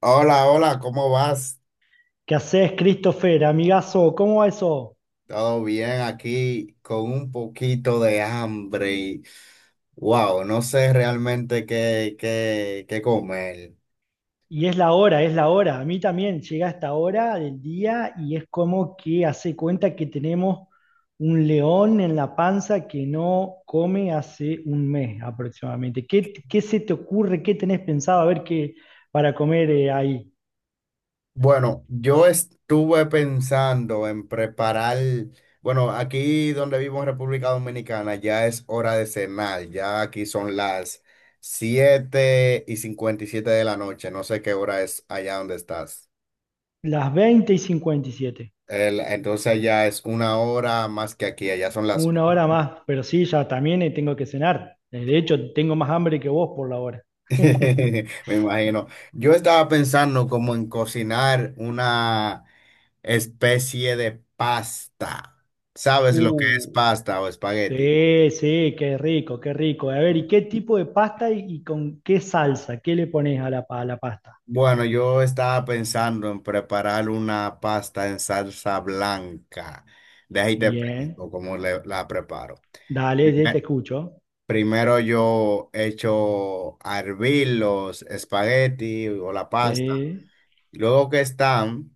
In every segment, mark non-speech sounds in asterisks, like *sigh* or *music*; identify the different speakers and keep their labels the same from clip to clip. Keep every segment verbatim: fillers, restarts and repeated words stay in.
Speaker 1: Hola, hola, ¿cómo vas?
Speaker 2: ¿Qué haces, Christopher? Amigazo, ¿cómo va eso?
Speaker 1: Todo bien aquí con un poquito de hambre y wow, no sé realmente qué, qué, qué comer.
Speaker 2: Y es la hora, es la hora. A mí también llega esta hora del día y es como que hace cuenta que tenemos un león en la panza que no come hace un mes aproximadamente. ¿Qué, qué se te ocurre? ¿Qué tenés pensado? A ver qué para comer eh, ahí.
Speaker 1: Bueno, yo estuve pensando en preparar, bueno, aquí donde vivo en República Dominicana ya es hora de cenar, ya aquí son las siete y cincuenta y siete de la noche, no sé qué hora es allá donde estás.
Speaker 2: Las veinte y cincuenta y siete.
Speaker 1: El- entonces ya es una hora más que aquí, allá son las
Speaker 2: Una hora más, pero sí, ya también eh, tengo que cenar. Eh, De hecho, tengo más hambre que vos por la hora. *laughs*
Speaker 1: *laughs* Me imagino. Yo estaba pensando como en cocinar una especie de pasta. ¿Sabes lo que es
Speaker 2: Uh,
Speaker 1: pasta o espagueti?
Speaker 2: Sí, sí, qué rico, qué rico. A ver, ¿y qué tipo de pasta y, y con qué salsa? ¿Qué le pones a la, pa- a la pasta?
Speaker 1: Bueno, yo estaba pensando en preparar una pasta en salsa blanca. De ahí te
Speaker 2: Bien,
Speaker 1: explico cómo le- la preparo.
Speaker 2: dale, ya te
Speaker 1: Primer-
Speaker 2: escucho.
Speaker 1: Primero yo echo a hervir los espagueti o la pasta.
Speaker 2: Sí,
Speaker 1: Luego que están...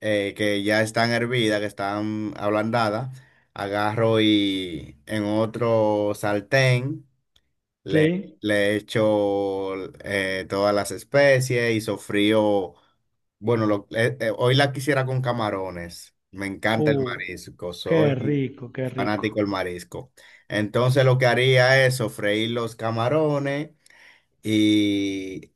Speaker 1: eh, que ya están hervidas, que están ablandadas, agarro y en otro sartén le,
Speaker 2: sí.
Speaker 1: le echo eh, todas las especies y sofrío. Bueno, lo- eh, eh, hoy la quisiera con camarones. Me encanta el
Speaker 2: Uh,
Speaker 1: marisco,
Speaker 2: Qué
Speaker 1: soy
Speaker 2: rico, qué rico.
Speaker 1: fanático del marisco. Entonces lo que haría es sofreír los camarones y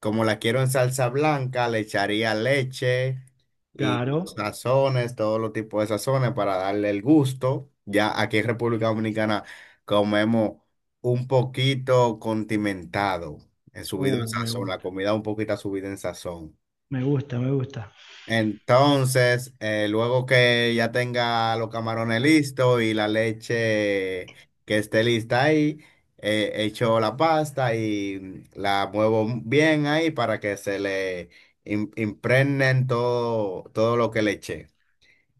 Speaker 1: como la quiero en salsa blanca, le echaría leche y los
Speaker 2: Claro.
Speaker 1: sazones, todos los tipos de sazones para darle el gusto. Ya aquí en República Dominicana comemos un poquito condimentado, en subido en
Speaker 2: Uh, me
Speaker 1: sazón, la
Speaker 2: gusta,
Speaker 1: comida un poquito subida en sazón.
Speaker 2: me gusta, me gusta.
Speaker 1: Entonces, eh, luego que ya tenga los camarones listos y la leche que esté lista ahí, eh, echo la pasta y la muevo bien ahí para que se le im- impregnen todo, todo lo que le eché.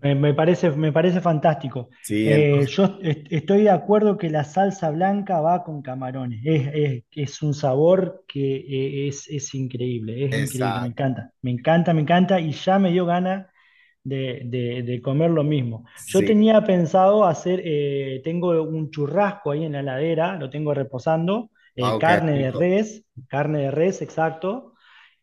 Speaker 2: Me, me parece, me parece fantástico.
Speaker 1: Sí,
Speaker 2: Eh,
Speaker 1: entonces,
Speaker 2: yo est- estoy de acuerdo que la salsa blanca va con camarones. Es, es- es un sabor que eh, es, es increíble, es increíble, me
Speaker 1: exacto.
Speaker 2: encanta, me encanta, me encanta y ya me dio ganas de, de- de comer lo mismo. Yo
Speaker 1: Sí,
Speaker 2: tenía pensado hacer, eh, tengo un churrasco ahí en la heladera, lo tengo reposando, eh,
Speaker 1: wow, qué
Speaker 2: carne de
Speaker 1: rico.
Speaker 2: res, carne de res, exacto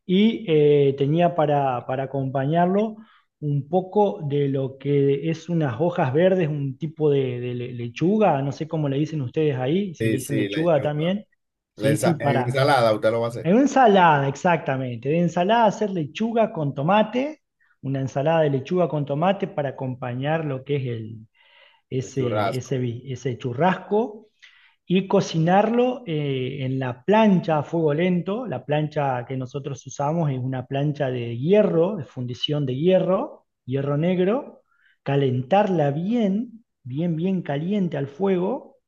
Speaker 2: y eh, tenía para, para acompañarlo un poco de lo que es unas hojas verdes, un tipo de, de le- lechuga, no sé cómo le dicen ustedes ahí, si le
Speaker 1: Sí,
Speaker 2: dicen
Speaker 1: sí,
Speaker 2: lechuga
Speaker 1: lechuga.
Speaker 2: también.
Speaker 1: La
Speaker 2: Sí, sí,
Speaker 1: ensa- en
Speaker 2: para.
Speaker 1: ensalada usted lo va a hacer,
Speaker 2: En una ensalada, exactamente. De ensalada hacer lechuga con tomate, una ensalada de lechuga con tomate para acompañar lo que es el,
Speaker 1: el
Speaker 2: ese, ese,
Speaker 1: churrasco.
Speaker 2: vi- ese churrasco y cocinarlo eh, en la plancha a fuego lento. La plancha que nosotros usamos es una plancha de hierro, de fundición de hierro, hierro negro, calentarla bien, bien, bien caliente al fuego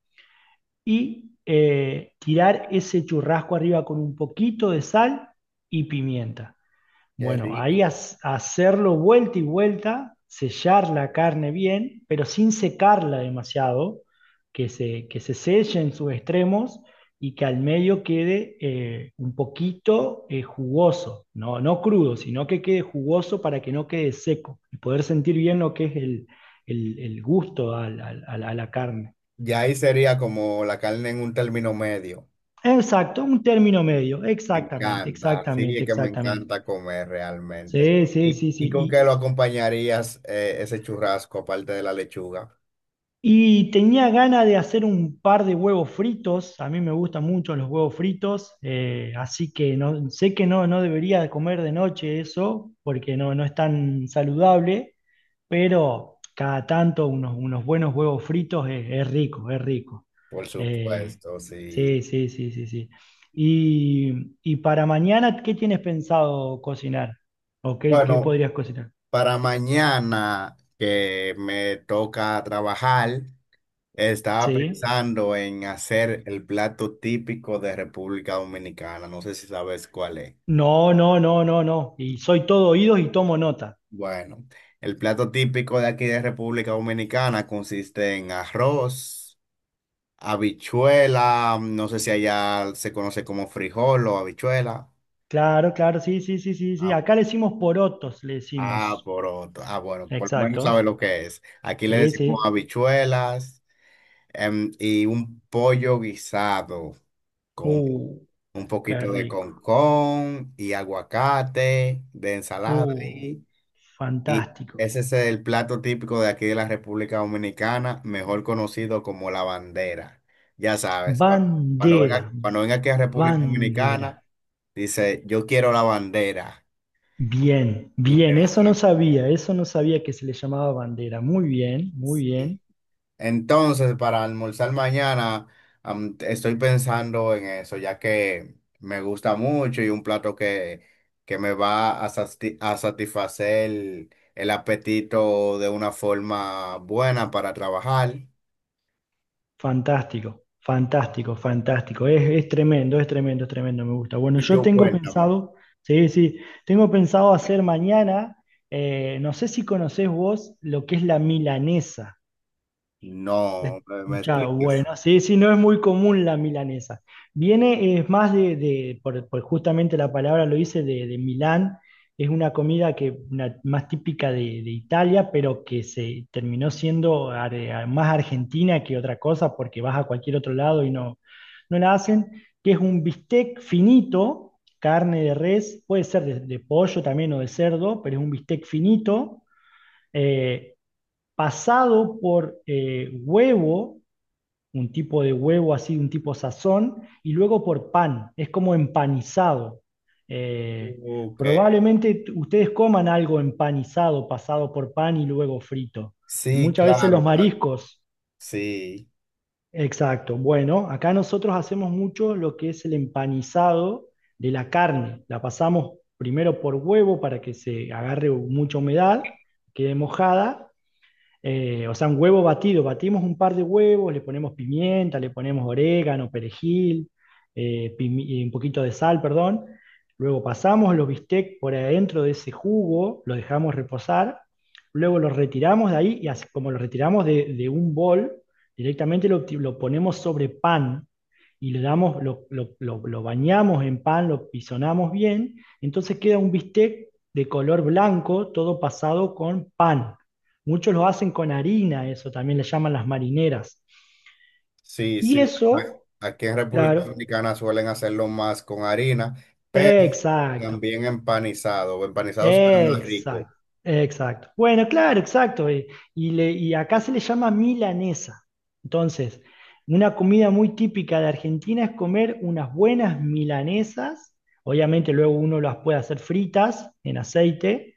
Speaker 2: y eh, tirar ese churrasco arriba con un poquito de sal y pimienta.
Speaker 1: Qué
Speaker 2: Bueno, ahí
Speaker 1: rico.
Speaker 2: has- hacerlo vuelta y vuelta, sellar la carne bien, pero sin secarla demasiado, que se, que se selle en sus extremos y que al medio quede eh, un poquito eh, jugoso, no, no crudo, sino que quede jugoso para que no quede seco y poder sentir bien lo que es el, el- el gusto al- al- al- a la carne.
Speaker 1: Y ahí sería como la carne en un término medio.
Speaker 2: Exacto, un término medio,
Speaker 1: Me
Speaker 2: exactamente,
Speaker 1: encanta, sí,
Speaker 2: exactamente,
Speaker 1: es que me
Speaker 2: exactamente.
Speaker 1: encanta comer realmente.
Speaker 2: Sí, sí,
Speaker 1: Y,
Speaker 2: sí,
Speaker 1: ¿y con
Speaker 2: sí.
Speaker 1: qué lo acompañarías eh, ese churrasco aparte de la lechuga?
Speaker 2: Y tenía ganas de hacer un par de huevos fritos. A mí me gustan mucho los huevos fritos, eh, así que no, sé que no, no debería comer de noche eso, porque no, no es tan saludable, pero cada tanto unos, unos buenos huevos fritos es, es rico, es rico.
Speaker 1: Por
Speaker 2: Eh,
Speaker 1: supuesto, sí.
Speaker 2: sí, sí, sí, sí, sí. Y, y para mañana, ¿qué tienes pensado cocinar? ¿O qué, qué
Speaker 1: Bueno,
Speaker 2: podrías cocinar?
Speaker 1: para mañana que me toca trabajar, estaba
Speaker 2: Sí.
Speaker 1: pensando en hacer el plato típico de República Dominicana. No sé si sabes cuál es.
Speaker 2: No, no, no, no, no. Y soy todo oídos y tomo nota.
Speaker 1: Bueno, el plato típico de aquí de República Dominicana consiste en arroz. Habichuela, mm, no sé si allá se conoce como frijol o habichuela.
Speaker 2: Claro, claro, sí, sí, sí, sí, sí.
Speaker 1: Ah, po-
Speaker 2: Acá le decimos porotos, le
Speaker 1: ah,
Speaker 2: decimos.
Speaker 1: poroto. Ah, bueno, por lo menos
Speaker 2: Exactos.
Speaker 1: sabe lo que es. Aquí le
Speaker 2: Sí,
Speaker 1: decimos
Speaker 2: sí.
Speaker 1: habichuelas, em, y un pollo guisado con
Speaker 2: Uh,
Speaker 1: un
Speaker 2: Qué
Speaker 1: poquito de
Speaker 2: rico.
Speaker 1: concón y aguacate de ensalada
Speaker 2: Uh,
Speaker 1: ahí. Y
Speaker 2: Fantástico.
Speaker 1: ese es el plato típico de aquí de la República Dominicana, mejor conocido como la bandera. Ya sabes, cuando, cuando
Speaker 2: Bandera,
Speaker 1: venga, cuando venga aquí a República
Speaker 2: bandera.
Speaker 1: Dominicana, dice, yo quiero la bandera
Speaker 2: Bien,
Speaker 1: y te
Speaker 2: bien,
Speaker 1: la
Speaker 2: eso no
Speaker 1: dan
Speaker 2: sabía, eso no sabía que se le llamaba bandera. Muy bien, muy
Speaker 1: aquí.
Speaker 2: bien.
Speaker 1: Entonces, para almorzar mañana, am, estoy pensando en eso, ya que me gusta mucho y un plato que, que me va a, sasti- a satisfacer el apetito de una forma buena para trabajar.
Speaker 2: Fantástico, fantástico, fantástico. Es, es tremendo, es tremendo, es tremendo, me gusta. Bueno,
Speaker 1: Y
Speaker 2: yo
Speaker 1: tú
Speaker 2: tengo
Speaker 1: cuéntame.
Speaker 2: pensado, sí, sí, tengo pensado hacer mañana, eh, no sé si conocés vos lo que es la milanesa. La he
Speaker 1: No, me, me
Speaker 2: escuchado,
Speaker 1: expliques.
Speaker 2: bueno, sí, sí, no es muy común la milanesa. Viene, es más de, de- por, por justamente la palabra lo dice, de, de Milán. Es una comida que una- más típica de, de Italia, pero que se terminó siendo ar- eh, más argentina que otra cosa, porque vas a cualquier otro lado y no, no la hacen, que es un bistec finito, carne de res, puede ser de, de pollo también o de cerdo, pero es un bistec finito, eh, pasado por eh, huevo, un tipo de huevo así, un tipo sazón, y luego por pan, es como empanizado. Eh,
Speaker 1: Ok.
Speaker 2: Probablemente ustedes coman algo empanizado, pasado por pan y luego frito. Y
Speaker 1: Sí,
Speaker 2: muchas veces los
Speaker 1: claro, claro.
Speaker 2: mariscos,
Speaker 1: Sí,
Speaker 2: exacto. Bueno, acá nosotros hacemos mucho lo que es el empanizado de la carne. La pasamos primero por huevo para que se agarre mucha humedad, quede mojada, eh, o sea, un huevo batido, batimos un par de huevos, le ponemos pimienta, le ponemos orégano, perejil, eh, pimi- y un poquito de sal, perdón. Luego pasamos los bistecs por adentro de ese jugo, lo dejamos reposar, luego los retiramos de ahí y así como lo retiramos de, de un bol, directamente lo, ti- lo ponemos sobre pan y le damos, lo, lo- lo- lo bañamos en pan, lo pisonamos bien, entonces queda un bistec de color blanco, todo pasado con pan. Muchos lo hacen con harina, eso también le llaman las marineras.
Speaker 1: sí,
Speaker 2: Y
Speaker 1: sí. A-
Speaker 2: eso,
Speaker 1: Aquí en República
Speaker 2: claro,
Speaker 1: Dominicana suelen hacerlo más con harina,
Speaker 2: exacto.
Speaker 1: también empanizado. Empanizado sabe más rico.
Speaker 2: Exacto, exacto. Bueno, claro, exacto. eh, Y, le- y acá se le llama milanesa. Entonces, una comida muy típica de Argentina es comer unas buenas milanesas. Obviamente luego uno las puede hacer fritas en aceite.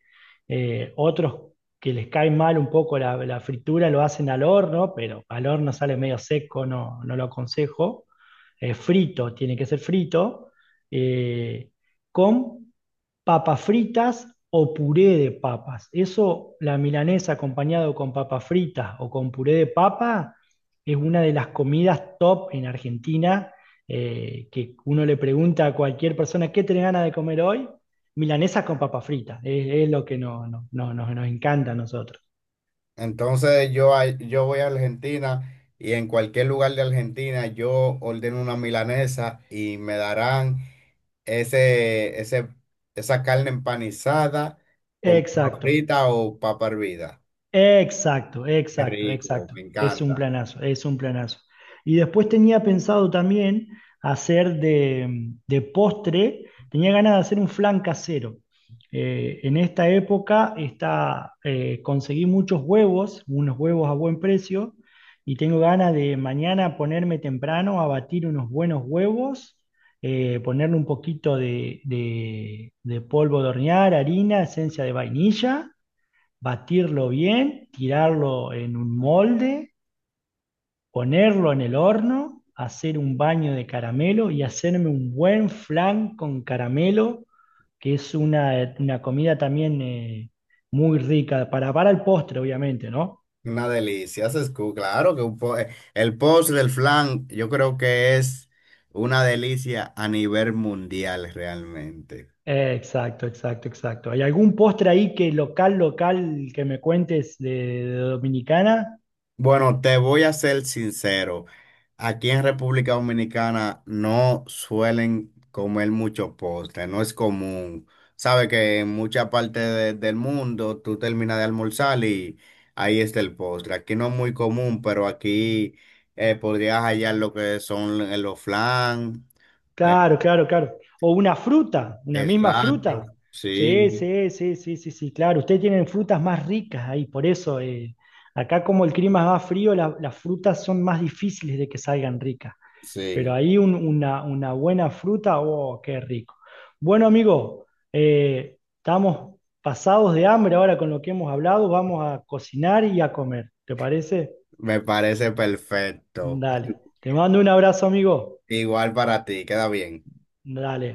Speaker 2: eh, otros que les cae mal un poco la, la fritura lo hacen al horno, pero al horno sale medio seco, no, no lo aconsejo. Eh, frito, tiene que ser frito. eh, con papas fritas o puré de papas. Eso, la milanesa acompañado con papas fritas o con puré de papa, es una de las comidas top en Argentina, eh, que uno le pregunta a cualquier persona, ¿qué tiene ganas de comer hoy? Milanesa con papas fritas, es, es lo que no- no- no- nos nos encanta a nosotros.
Speaker 1: Entonces yo, a- yo voy a Argentina y en cualquier lugar de Argentina yo ordeno una milanesa y me darán ese, ese, esa carne empanizada con papa
Speaker 2: Exacto.
Speaker 1: frita o papa hervida.
Speaker 2: Exacto,
Speaker 1: Qué
Speaker 2: exacto,
Speaker 1: rico,
Speaker 2: exacto.
Speaker 1: me
Speaker 2: Es un
Speaker 1: encanta.
Speaker 2: planazo, es un planazo. Y después tenía pensado también hacer de, de postre, tenía ganas de hacer un flan casero. Eh, en esta época está, eh, conseguí muchos huevos, unos huevos a buen precio, y tengo ganas de mañana ponerme temprano a batir unos buenos huevos, eh, ponerle un poquito de, de de polvo de hornear, harina, esencia de vainilla, batirlo bien, tirarlo en un molde, ponerlo en el horno, hacer un baño de caramelo y hacerme un buen flan con caramelo, que es una, una comida también eh, muy rica, para, para el postre, obviamente, ¿no?
Speaker 1: Una delicia. Haces cu- Claro que un po- eh, el post del flan yo creo que es una delicia a nivel mundial realmente.
Speaker 2: Eh, Exacto, exacto, exacto. ¿Hay algún postre ahí que local, local, que me cuentes de, de Dominicana?
Speaker 1: Bueno, te voy a ser sincero. Aquí en República Dominicana no suelen comer mucho postre, no es común. Sabe que en mucha parte de- del mundo tú terminas de almorzar y ahí está el postre. Aquí no es muy común, pero aquí eh, podrías hallar lo que son eh, los flan. eh,
Speaker 2: Claro, claro, claro. O una fruta, una misma
Speaker 1: exacto,
Speaker 2: fruta. Sí,
Speaker 1: sí,
Speaker 2: sí, sí, sí, sí, sí, claro. Ustedes tienen frutas más ricas ahí, por eso eh, acá como el clima es más frío, la- las frutas son más difíciles de que salgan ricas. Pero
Speaker 1: sí,
Speaker 2: ahí un- una, una buena fruta, oh, qué rico. Bueno, amigo, eh, estamos pasados de hambre ahora con lo que hemos hablado. Vamos a cocinar y a comer. ¿Te parece?
Speaker 1: me parece perfecto.
Speaker 2: Dale. Te mando un abrazo, amigo.
Speaker 1: Igual para ti, queda bien.
Speaker 2: Dale.